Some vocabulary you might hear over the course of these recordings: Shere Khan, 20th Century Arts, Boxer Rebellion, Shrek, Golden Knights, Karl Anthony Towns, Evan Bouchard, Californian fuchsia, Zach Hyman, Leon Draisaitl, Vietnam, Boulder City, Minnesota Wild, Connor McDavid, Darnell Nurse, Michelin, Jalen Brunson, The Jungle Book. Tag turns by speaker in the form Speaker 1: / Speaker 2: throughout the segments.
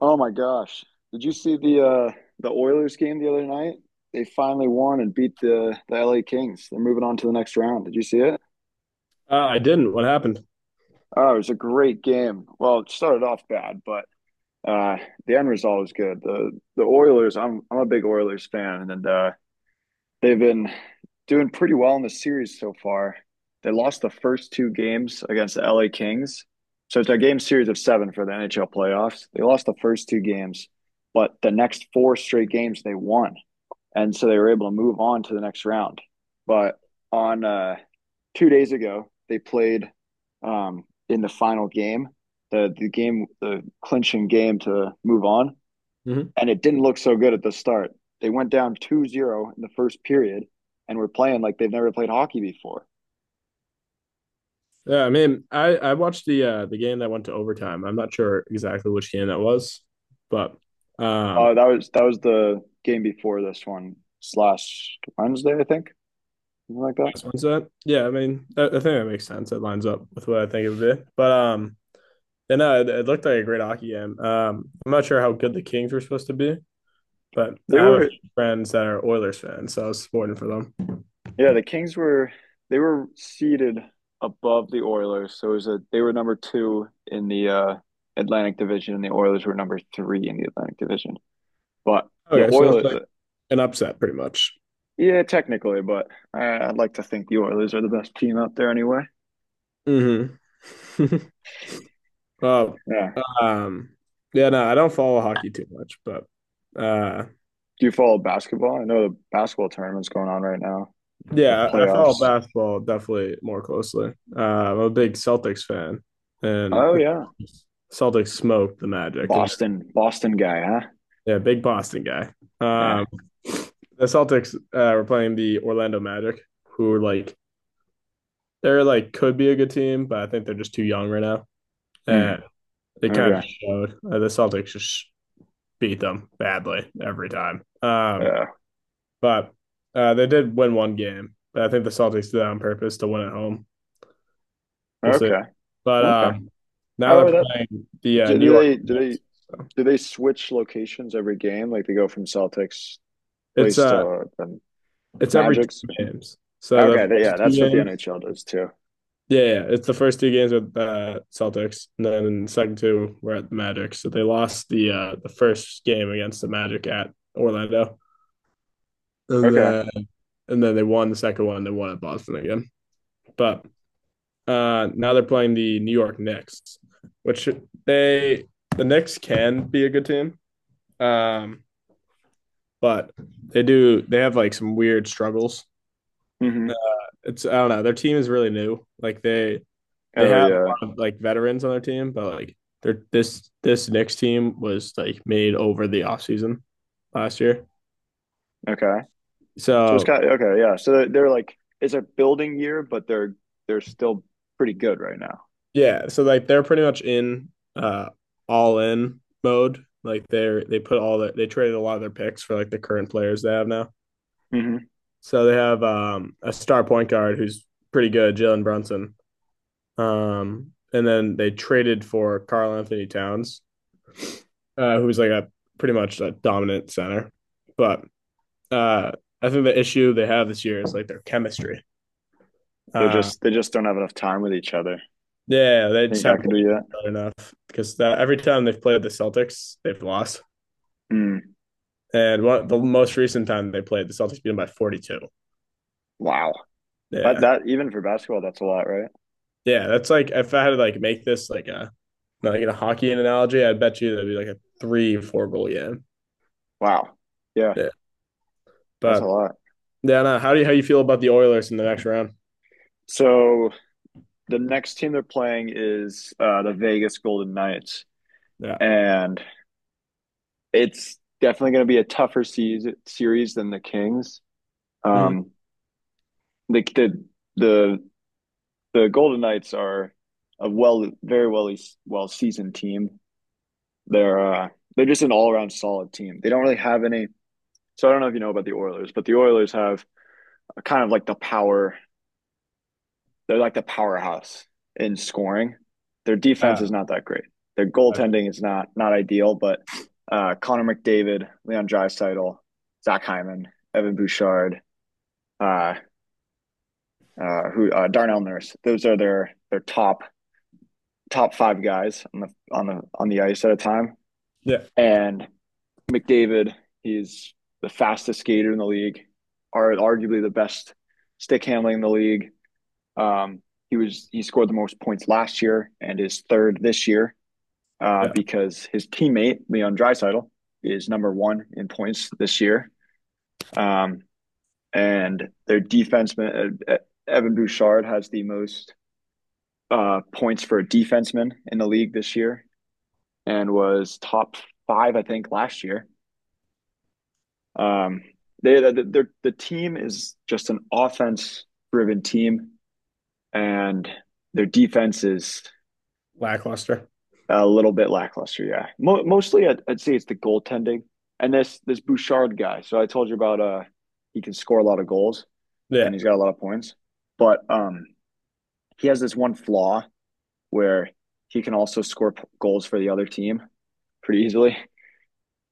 Speaker 1: Oh my gosh. Did you see the Oilers game the other night? They finally won and beat the LA Kings. They're moving on to the next round. Did you see it?
Speaker 2: I didn't. What happened?
Speaker 1: Oh, it was a great game. Well, it started off bad, but uh the end result was good. The Oilers, I'm a big Oilers fan and they've been doing pretty well in the series so far. They lost the first two games against the LA Kings. So it's a game series of seven for the NHL playoffs. They lost the first two games, but the next four straight games they won. And so they were able to move on to the next round. But on two days ago, they played in the final game, the game, the clinching game to move on,
Speaker 2: Hmm.
Speaker 1: and it didn't look so good at the start. They went down two zero in the first period and were playing like they've never played hockey before.
Speaker 2: Yeah, I mean, I watched the game that went to overtime. I'm not sure exactly which game that was, but um,
Speaker 1: That was the game before this one slash Wednesday, I think, something like that.
Speaker 2: that. Yeah, I mean, I think that makes sense. It lines up with what I think it would be. But and it, it looked like a great hockey game. I'm not sure how good the Kings were supposed to be, but
Speaker 1: They
Speaker 2: I have a
Speaker 1: were,
Speaker 2: few friends that are Oilers fans, so I was supporting for them.
Speaker 1: yeah, the Kings were, they were seated above the Oilers, so it was a, they were number two in the Atlantic Division, and the Oilers were number three in the Atlantic Division. But the
Speaker 2: Okay, so it's like
Speaker 1: Oilers,
Speaker 2: an upset, pretty much.
Speaker 1: yeah, technically, but I'd like to think the Oilers are the best team out there anyway.
Speaker 2: Hmm. Oh,
Speaker 1: Yeah.
Speaker 2: um, yeah, no, I don't follow hockey too much, but uh,
Speaker 1: Do you follow basketball? I know the basketball tournament's going on right now, the
Speaker 2: yeah, I follow
Speaker 1: playoffs.
Speaker 2: basketball definitely more closely. I'm a big Celtics fan, and
Speaker 1: Oh
Speaker 2: the
Speaker 1: yeah,
Speaker 2: Celtics smoked the Magic, and
Speaker 1: Boston, Boston guy, huh?
Speaker 2: they're, yeah, big Boston guy.
Speaker 1: Yeah.
Speaker 2: Um, the Celtics were playing the Orlando Magic, who are like could be a good team, but I think they're just too young right now,
Speaker 1: Hmm.
Speaker 2: and it kind
Speaker 1: Okay.
Speaker 2: of showed. The Celtics just beat them badly every time.
Speaker 1: Yeah.
Speaker 2: But they did win one game, but I think the Celtics did that on purpose to win at home. We'll see.
Speaker 1: Okay.
Speaker 2: But
Speaker 1: Okay.
Speaker 2: now they're
Speaker 1: Oh, that,
Speaker 2: playing the
Speaker 1: do
Speaker 2: New
Speaker 1: do
Speaker 2: York
Speaker 1: they do they
Speaker 2: Knicks. So
Speaker 1: do they switch locations every game? Like, they go from Celtics
Speaker 2: it's
Speaker 1: place
Speaker 2: uh
Speaker 1: to the
Speaker 2: it's every
Speaker 1: Magic's?
Speaker 2: two games. So the
Speaker 1: Okay. Yeah,
Speaker 2: first two
Speaker 1: that's what the
Speaker 2: games,
Speaker 1: NHL does too.
Speaker 2: yeah, yeah. It's the first two games with the Celtics, and then in the second two we're at the Magic. So they lost the first game against the Magic at Orlando, and
Speaker 1: Okay.
Speaker 2: then they won the second one. They won at Boston again, but uh, now they're playing the New York Knicks, which they the Knicks can be a good team, um, but they have like some weird struggles.
Speaker 1: Hmm.
Speaker 2: It's I don't know. Their team is really new. Like they
Speaker 1: Oh
Speaker 2: have a
Speaker 1: yeah.
Speaker 2: lot of like veterans on their team, but like they're this Knicks team was like made over the offseason last year.
Speaker 1: Okay. So it's
Speaker 2: So
Speaker 1: kind of, okay. Yeah. So they're like, it's a building year, but they're still pretty good right now.
Speaker 2: yeah, so like they're pretty much in uh all in mode. Like they put all that they traded a lot of their picks for like the current players they have now.
Speaker 1: Hmm.
Speaker 2: So they have a star point guard who's pretty good, Jalen Brunson. And then they traded for Karl Anthony Towns, who's like a pretty much a dominant center. But uh, I think the issue they have this year is like their chemistry.
Speaker 1: They're
Speaker 2: Uh,
Speaker 1: just, they just don't have enough time with each other. I
Speaker 2: yeah, they just
Speaker 1: think that
Speaker 2: haven't
Speaker 1: could be it.
Speaker 2: played enough because that, every time they've played the Celtics, they've lost.
Speaker 1: Mm.
Speaker 2: And one, the most recent time they played, the Celtics beat them by 42.
Speaker 1: Wow. That,
Speaker 2: Yeah.
Speaker 1: that even for basketball, that's a lot, right?
Speaker 2: Yeah. That's like, if I had to like make this like a hockey analogy, I bet you that'd be like a three, four goal game.
Speaker 1: Wow. Yeah,
Speaker 2: Yeah.
Speaker 1: that's a
Speaker 2: But
Speaker 1: lot.
Speaker 2: yeah, no, how do you how you feel about the Oilers in the next round?
Speaker 1: So the next team they're playing is the Vegas Golden Knights,
Speaker 2: Yeah.
Speaker 1: and it's definitely going to be a tougher season, series than the Kings.
Speaker 2: Hmm.
Speaker 1: Um, the, the the the Golden Knights are a, well, very well, well seasoned team. They're uh, they're just an all around solid team. They don't really have any. So I don't know if you know about the Oilers, but the Oilers have a kind of like the power. They're like the powerhouse in scoring. Their defense
Speaker 2: Uh,
Speaker 1: is not that great. Their goaltending is not ideal, but Connor McDavid, Leon Draisaitl, Zach Hyman, Evan Bouchard, uh, who Darnell Nurse. Those are their top five guys on the ice at a time.
Speaker 2: yeah,
Speaker 1: And McDavid, he's the fastest skater in the league, are arguably the best stick handling in the league. Um, he was, he scored the most points last year and is third this year,
Speaker 2: yeah.
Speaker 1: because his teammate Leon Dreisaitl is number one in points this year. Um, and their defenseman, Evan Bouchard has the most points for a defenseman in the league this year and was top five, I think, last year. Um, they, the team is just an offense driven team, and their defense is
Speaker 2: Lackluster.
Speaker 1: a little bit lackluster, yeah. Mo Mostly, I'd say it's the goaltending and this Bouchard guy. So I told you about, he can score a lot of goals and
Speaker 2: Yeah.
Speaker 1: he's got a lot of points, but he has this one flaw where he can also score goals for the other team pretty easily.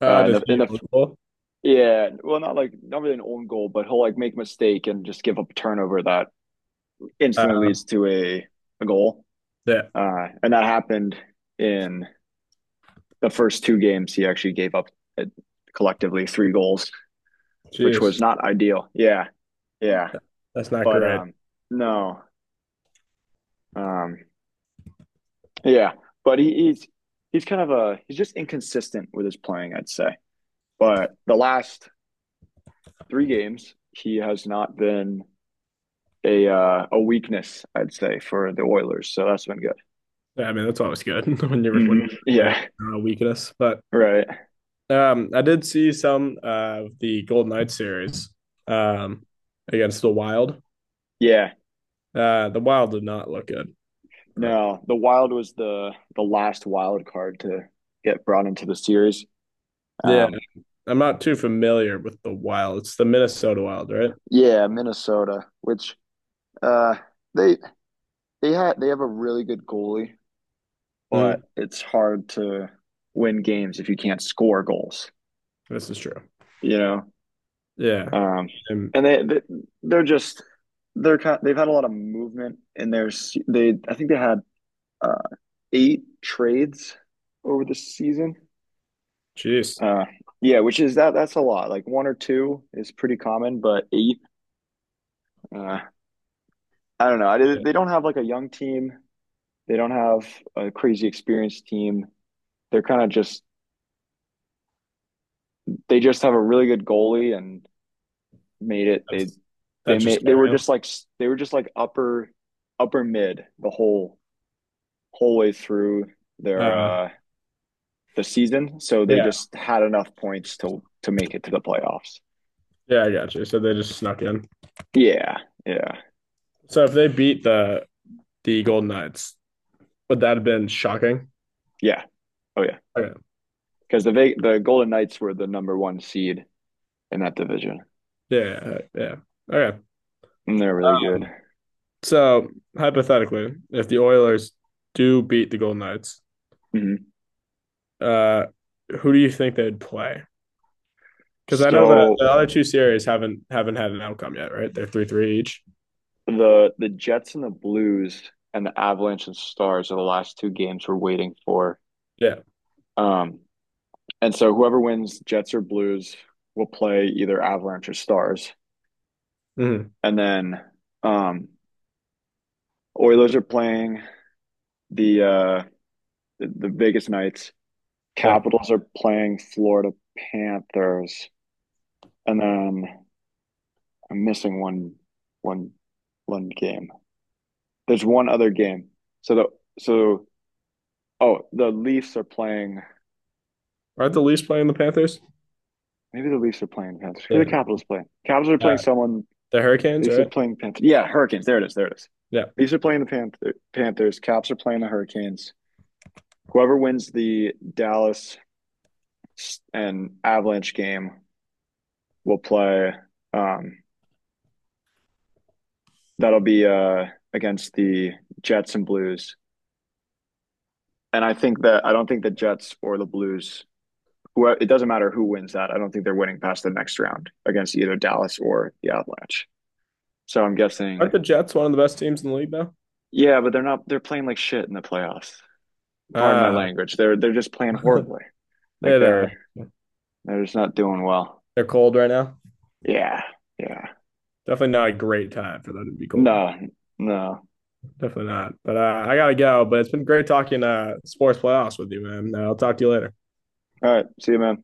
Speaker 2: Uh, does
Speaker 1: In
Speaker 2: he
Speaker 1: the
Speaker 2: own goal?
Speaker 1: Yeah, well, not like, not really an own goal, but he'll like make a mistake and just give up a turnover that instantly
Speaker 2: Uh,
Speaker 1: leads to a goal.
Speaker 2: yeah.
Speaker 1: And that happened in the first two games he actually gave up, uh, collectively three goals, which
Speaker 2: Jeez.
Speaker 1: was not ideal. Yeah, yeah,
Speaker 2: That's not
Speaker 1: but
Speaker 2: great.
Speaker 1: no, um, yeah, but he's kind of a, he's just inconsistent with his playing, I'd say. But the last three games, he has not been a, a weakness, I'd say, for the Oilers. So that's been good.
Speaker 2: Yeah, I mean, that's always good when you're when
Speaker 1: Hmm.
Speaker 2: you're a player
Speaker 1: Yeah,
Speaker 2: weakness. But
Speaker 1: right.
Speaker 2: um, I did see some of the Golden Knights series um against the Wild.
Speaker 1: Yeah,
Speaker 2: Uh, the Wild did not look good. But
Speaker 1: no, the Wild was the last wild card to get brought into the series.
Speaker 2: yeah,
Speaker 1: Um,
Speaker 2: I'm not too familiar with the Wild. It's the Minnesota Wild, right?
Speaker 1: Yeah, Minnesota, which uh they they had, they have a really good goalie, but
Speaker 2: Hmm.
Speaker 1: it's hard to win games if you can't score goals,
Speaker 2: This is true.
Speaker 1: you know.
Speaker 2: Yeah.
Speaker 1: Um
Speaker 2: And
Speaker 1: and they, they're just, they're kind, they've had a lot of movement in their, they, I think they had uh eight trades over the season.
Speaker 2: jeez,
Speaker 1: Uh yeah, which is, that's a lot. Like, one or two is pretty common, but eight, uh I don't know. I,
Speaker 2: yeah,
Speaker 1: they don't have like a young team. They don't have a crazy experienced team. They're kind of just, they just have a really good goalie and made it.
Speaker 2: that's just
Speaker 1: They
Speaker 2: carry
Speaker 1: were
Speaker 2: 'em?
Speaker 1: just like, upper, upper mid the whole way through their,
Speaker 2: Uh,
Speaker 1: the season. So they
Speaker 2: yeah,
Speaker 1: just had enough points to make it to the playoffs.
Speaker 2: yeah, I got you. So they just snuck in.
Speaker 1: Yeah, yeah,
Speaker 2: So if they beat the Golden Knights, would that have been shocking?
Speaker 1: yeah. Oh yeah,
Speaker 2: Okay.
Speaker 1: because the Golden Knights were the number one seed in that division,
Speaker 2: Yeah, yeah. Yeah. Okay.
Speaker 1: and they're really good.
Speaker 2: Um, so hypothetically, if the Oilers do beat the Golden Knights,
Speaker 1: Mhm.
Speaker 2: uh, who do you think they'd play? Because I know that
Speaker 1: So
Speaker 2: the other two series haven't had an outcome yet, right? They're three three each.
Speaker 1: the Jets and the Blues and the Avalanche and Stars are the last two games we're waiting for.
Speaker 2: Yeah.
Speaker 1: Um, and so whoever wins Jets or Blues will play either Avalanche or Stars.
Speaker 2: Hmm.
Speaker 1: And then, um, Oilers are playing the, the Vegas Knights.
Speaker 2: Yeah.
Speaker 1: Capitals are playing Florida Panthers. And then I'm missing one one game. There's one other game. So the, so oh, the Leafs are playing.
Speaker 2: Aren't the Leafs playing the Panthers?
Speaker 1: Maybe the Leafs are playing Panthers. Who are the
Speaker 2: Yeah.
Speaker 1: Capitals playing? Capitals are playing
Speaker 2: Uh,
Speaker 1: someone.
Speaker 2: the Hurricanes,
Speaker 1: Leafs are
Speaker 2: right?
Speaker 1: playing Panthers. Yeah, Hurricanes. There it is. There it is.
Speaker 2: Yeah.
Speaker 1: Leafs are playing the Panthers. Caps are playing the Hurricanes. Whoever wins the Dallas and Avalanche game will play. Um, that'll be, against the Jets and Blues. And I think that, I don't think the Jets or the Blues. Who, it doesn't matter who wins that. I don't think they're winning past the next round against either Dallas or the Avalanche. So I'm guessing.
Speaker 2: Aren't the Jets one of the best teams in the league now?
Speaker 1: Yeah, but they're not, they're playing like shit in the playoffs. Pardon my
Speaker 2: Ah,
Speaker 1: language. They're just playing horribly. Like,
Speaker 2: they're uh,
Speaker 1: they're just not doing well.
Speaker 2: they're cold right now.
Speaker 1: Yeah. Yeah.
Speaker 2: Definitely not a great time for them to be cold.
Speaker 1: No. No. All
Speaker 2: Definitely not. But I gotta go. But it's been great talking sports playoffs with you, man. I'll talk to you later.
Speaker 1: right. See you, man.